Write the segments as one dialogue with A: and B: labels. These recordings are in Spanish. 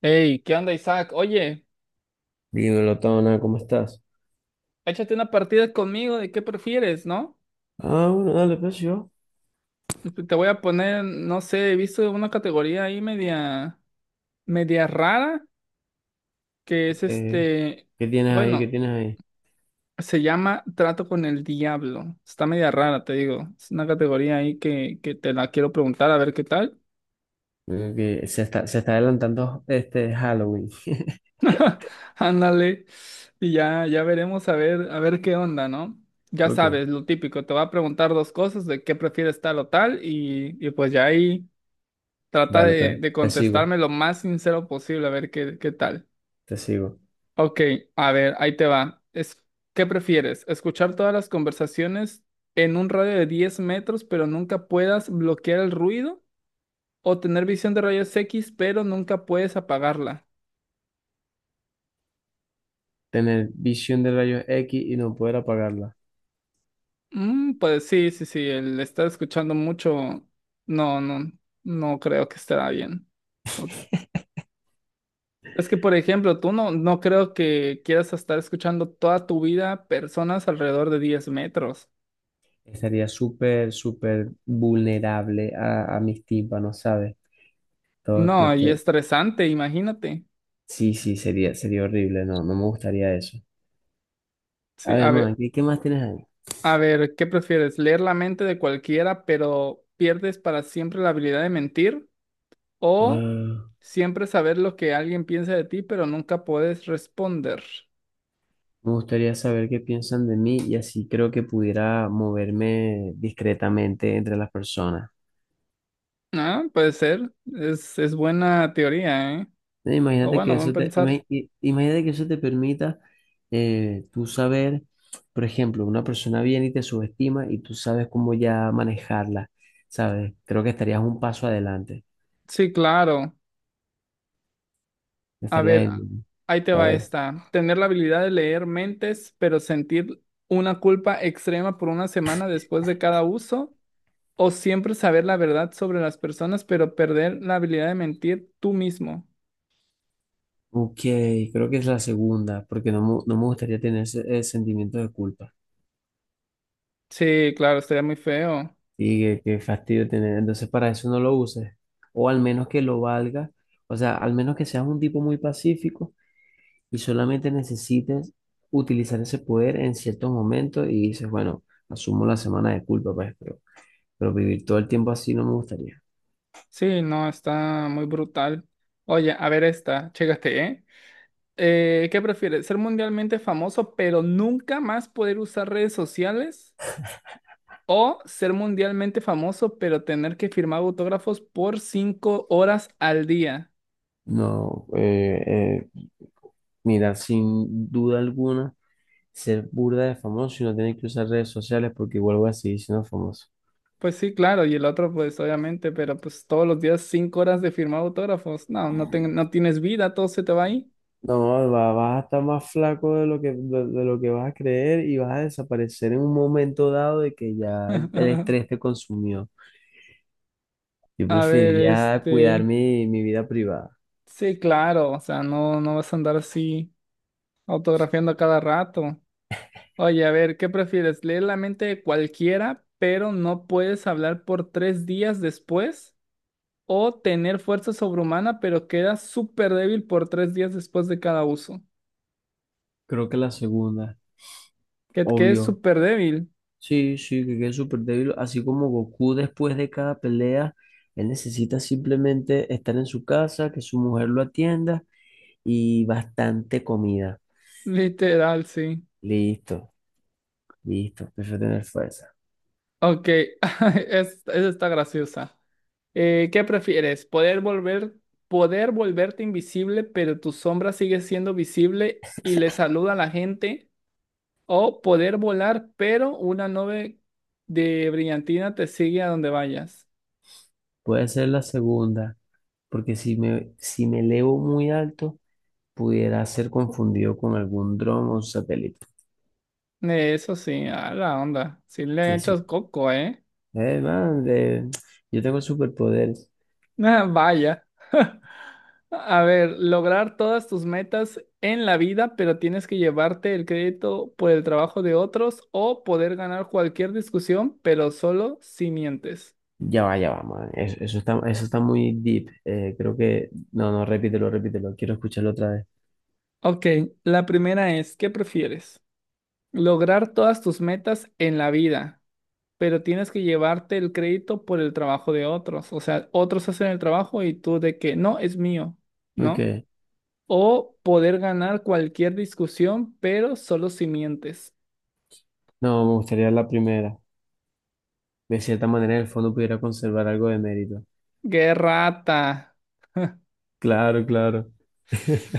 A: Hey, ¿qué onda, Isaac? Oye,
B: Dímelo, Tona, ¿cómo estás?
A: échate una partida conmigo de qué prefieres, ¿no?
B: Ah, bueno, dale, pues yo.
A: Te voy a poner, no sé, he visto una categoría ahí media, media rara, que es
B: ¿Qué, qué tienes ahí? ¿Qué
A: bueno,
B: tienes ahí?
A: se llama Trato con el Diablo. Está media rara, te digo. Es una categoría ahí que te la quiero preguntar a ver qué tal.
B: Veo que se está adelantando este Halloween.
A: Ándale. Y ya, ya veremos a ver qué onda, ¿no? Ya
B: Ok,
A: sabes, lo típico, te va a preguntar dos cosas de qué prefieres tal o tal, y pues ya ahí. Trata
B: dale,
A: de,
B: pues,
A: de contestarme lo más sincero posible, a ver qué tal.
B: te sigo.
A: Ok, a ver, ahí te va. Es, ¿qué prefieres? ¿Escuchar todas las conversaciones en un radio de 10 metros, pero nunca puedas bloquear el ruido? ¿O tener visión de rayos X, pero nunca puedes apagarla?
B: Tener visión de rayos X y no poder apagarla.
A: Pues sí, sí, sí, el estar escuchando mucho, no, no, no creo que estará bien. O- Es que, por ejemplo, tú no, no creo que quieras estar escuchando toda tu vida personas alrededor de 10 metros.
B: Estaría súper vulnerable a mis tímpanos, ¿sabes? Todo, no,
A: No, y
B: todo-
A: estresante, imagínate.
B: Sí, sí, sería horrible, no, no me gustaría eso. A
A: Sí,
B: ver, man, ¿qué, qué más tienes ahí?
A: a ver, ¿qué prefieres? ¿Leer la mente de cualquiera, pero pierdes para siempre la habilidad de mentir? ¿O
B: Wow.
A: siempre saber lo que alguien piensa de ti, pero nunca puedes responder?
B: Me gustaría saber qué piensan de mí y así creo que pudiera moverme discretamente entre las personas.
A: Ah, puede ser. Es buena teoría, ¿eh? O
B: Imagínate que
A: bueno, buen
B: eso te,
A: pensar.
B: imagínate que eso te permita tú saber, por ejemplo, una persona viene y te subestima y tú sabes cómo ya manejarla, ¿sabes? Creo que estarías un paso adelante.
A: Sí, claro. A ver,
B: Estarías en...
A: ahí te
B: A
A: va
B: ver.
A: esta. Tener la habilidad de leer mentes, pero sentir una culpa extrema por una semana después de cada uso. O siempre saber la verdad sobre las personas, pero perder la habilidad de mentir tú mismo.
B: Ok, creo que es la segunda, porque no, no me gustaría tener ese sentimiento de culpa.
A: Sí, claro, estaría muy feo.
B: Sí, qué, qué fastidio tener. Entonces, para eso no lo uses. O al menos que lo valga. O sea, al menos que seas un tipo muy pacífico y solamente necesites utilizar ese poder en ciertos momentos y dices, bueno, asumo la semana de culpa, pues, pero vivir todo el tiempo así no me gustaría.
A: Sí, no, está muy brutal. Oye, a ver esta, chécate, ¿eh? ¿Qué prefieres? ¿Ser mundialmente famoso, pero nunca más poder usar redes sociales? ¿O ser mundialmente famoso, pero tener que firmar autógrafos por 5 horas al día?
B: No, eh, mira, sin duda alguna, ser burda de famoso y no tener que usar redes sociales porque igual voy a seguir siendo famoso.
A: Pues sí, claro, y el otro, pues obviamente, pero pues todos los días 5 horas de firmar autógrafos. No, no, no tienes vida, todo se te va ahí.
B: No, vas a estar más flaco de lo que vas a creer y vas a desaparecer en un momento dado de que ya el estrés te consumió. Yo
A: A ver,
B: preferiría cuidar
A: este.
B: mi, mi vida privada.
A: Sí, claro, o sea, no, no vas a andar así autografiando a cada rato. Oye, a ver, ¿qué prefieres? ¿Leer la mente de cualquiera, pero no puedes hablar por 3 días después? ¿O tener fuerza sobrehumana, pero quedas súper débil por 3 días después de cada uso?
B: Creo que la segunda,
A: Que quedes
B: obvio.
A: súper débil,
B: Sí, sí, que quede súper débil. Así como Goku después de cada pelea, él necesita simplemente estar en su casa, que su mujer lo atienda y bastante comida.
A: literal, sí.
B: Listo, listo. Prefiero tener fuerza.
A: Ok, esa está graciosa. ¿Qué prefieres? ¿Poder volverte invisible, pero tu sombra sigue siendo visible y le saluda a la gente? ¿O poder volar, pero una nube de brillantina te sigue a donde vayas?
B: Puede ser la segunda. Porque si me elevo muy alto, pudiera ser confundido con algún dron o satélite.
A: Eso sí, a la onda. Si le
B: Sí,
A: echas
B: sí.
A: coco, ¿eh?
B: Man, de- yo tengo superpoderes.
A: Ah, vaya. A ver, lograr todas tus metas en la vida, pero tienes que llevarte el crédito por el trabajo de otros o poder ganar cualquier discusión, pero solo si mientes.
B: Ya va, man. Eso está muy deep. Creo que... No, no, repítelo. Quiero escucharlo otra vez.
A: Ok, la primera es, ¿qué prefieres? Lograr todas tus metas en la vida, pero tienes que llevarte el crédito por el trabajo de otros. O sea, otros hacen el trabajo y tú de que no, es mío, ¿no?
B: Ok.
A: O poder ganar cualquier discusión, pero solo si mientes.
B: No, me gustaría la primera. De cierta manera, en el fondo pudiera conservar algo de mérito.
A: ¡Qué rata!
B: Claro, claro.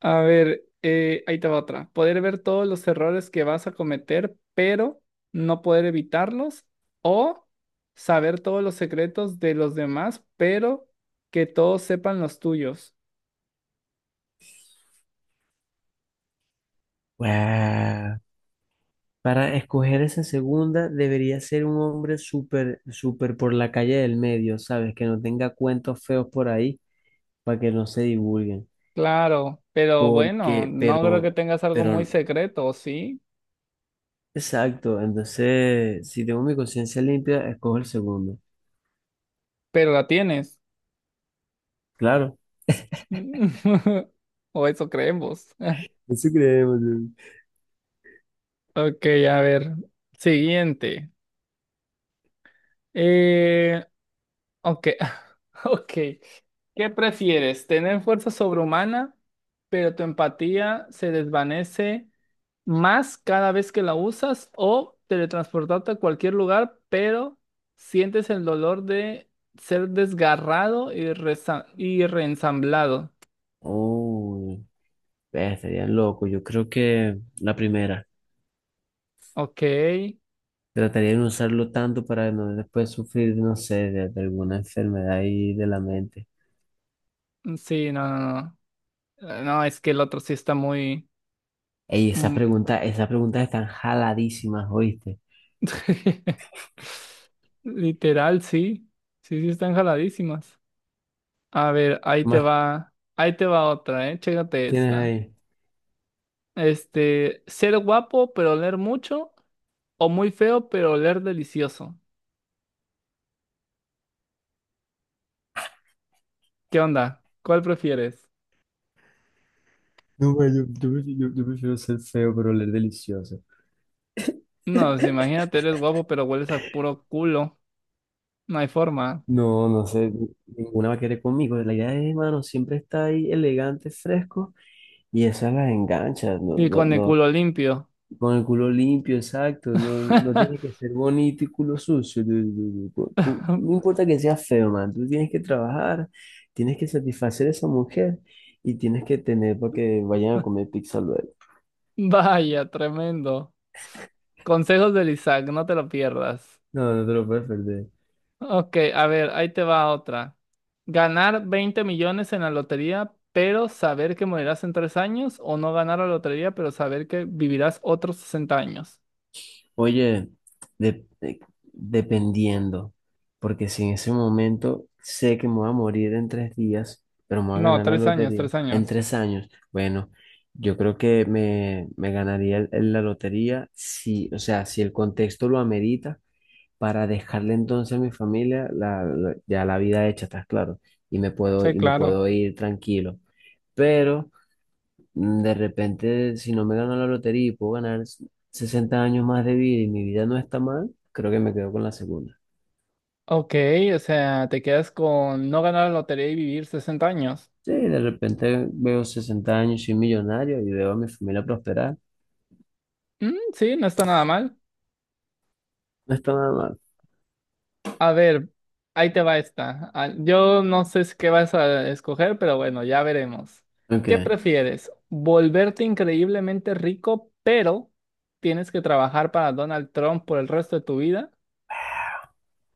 A: A ver, ahí te va otra. Poder ver todos los errores que vas a cometer, pero no poder evitarlos. O saber todos los secretos de los demás, pero que todos sepan los tuyos.
B: Wow. Para escoger esa segunda, debería ser un hombre súper por la calle del medio, ¿sabes? Que no tenga cuentos feos por ahí para que no se divulguen.
A: Claro, pero bueno,
B: Porque,
A: no creo que tengas algo
B: pero,
A: muy secreto, ¿o sí?
B: exacto. Entonces, si tengo mi conciencia limpia, escojo el segundo.
A: Pero la tienes.
B: Claro.
A: O eso creemos.
B: Eso creemos.
A: Ok, a ver. Siguiente. Eh, ok, ok. ¿Qué prefieres? ¿Tener fuerza sobrehumana, pero tu empatía se desvanece más cada vez que la usas? ¿O teletransportarte a cualquier lugar, pero sientes el dolor de ser desgarrado y, y reensamblado?
B: Oh, estaría loco. Yo creo que la primera.
A: Ok.
B: Trataría de no usarlo tanto para no después sufrir, no sé, de alguna enfermedad ahí de la mente.
A: Sí, no, no, no. No, es que el otro sí está muy...
B: Ey,
A: mm,
B: esas preguntas están jaladísimas, ¿oíste?
A: Literal, sí. Sí, sí, están jaladísimas. A ver, ahí
B: ¿Qué
A: te
B: más
A: va, ahí te va otra, ¿eh? Chécate
B: tienes
A: esta.
B: ahí?
A: Ser guapo pero oler mucho o muy feo pero oler delicioso. ¿Qué onda? ¿Cuál prefieres?
B: No, ma, yo prefiero ser feo, pero oler delicioso.
A: No, pues, imagínate, eres guapo pero hueles a puro culo. No hay forma.
B: No, no sé, ninguna va a querer conmigo. La idea es, hermano, siempre está ahí elegante, fresco, y esa las engancha, no,
A: Y
B: no,
A: con el
B: no.
A: culo limpio.
B: Con el culo limpio, exacto, no, no tiene que ser bonito y culo sucio. Tú, Tú, no importa que seas feo, man, tú tienes que trabajar, tienes que satisfacer a esa mujer y tienes que tener para que vayan a comer pizza luego.
A: Vaya, tremendo. Consejos del Isaac, no te lo pierdas.
B: No, no te lo puedes perder.
A: Ok, a ver, ahí te va otra. Ganar 20 millones en la lotería, pero saber que morirás en 3 años, o no ganar la lotería, pero saber que vivirás otros 60 años.
B: Oye, de- de- dependiendo, porque si en ese momento sé que me voy a morir en 3 días, pero me voy a
A: No,
B: ganar la
A: 3 años,
B: lotería
A: tres
B: en
A: años.
B: 3 años, bueno, yo creo que me ganaría la lotería si, o sea, si el contexto lo amerita para dejarle entonces a mi familia ya la vida hecha, ¿estás claro? Y
A: Sí,
B: y me
A: claro.
B: puedo ir tranquilo. Pero mm, de repente, si no me gano la lotería y puedo ganar s- 60 años más de vida y mi vida no está mal, creo que me quedo con la segunda.
A: Ok, o sea, te quedas con no ganar la lotería y vivir 60 años.
B: Sí, de repente veo 60 años, soy millonario y veo a mi familia prosperar.
A: Mm, sí, no está nada mal.
B: No está nada mal.
A: A ver, ahí te va esta. Ah, yo no sé si qué vas a escoger, pero bueno, ya veremos. ¿Qué
B: Aunque,
A: prefieres? ¿Volverte increíblemente rico, pero tienes que trabajar para Donald Trump por el resto de tu vida?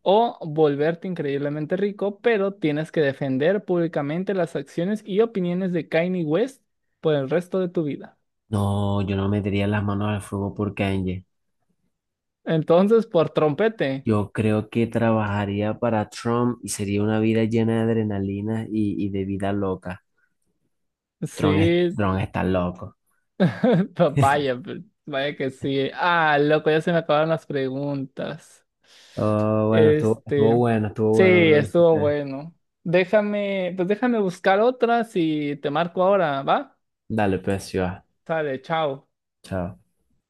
A: ¿O volverte increíblemente rico, pero tienes que defender públicamente las acciones y opiniones de Kanye West por el resto de tu vida?
B: no, yo no metería las manos al fuego por Kanye.
A: Entonces, por trompete.
B: Yo creo que trabajaría para Trump y sería una vida llena de adrenalina y de vida loca. Trump, es-
A: Sí,
B: Trump está loco.
A: papaya, pero vaya que sí. Ah, loco, ya se me acabaron las preguntas.
B: Oh, bueno, estuvo
A: Este,
B: bueno, estuvo
A: sí,
B: bueno, me lo
A: estuvo
B: disfruté.
A: bueno. Pues déjame buscar otras y te marco ahora, ¿va?
B: Dale, pues, sí va.
A: Sale, chao.
B: Chao.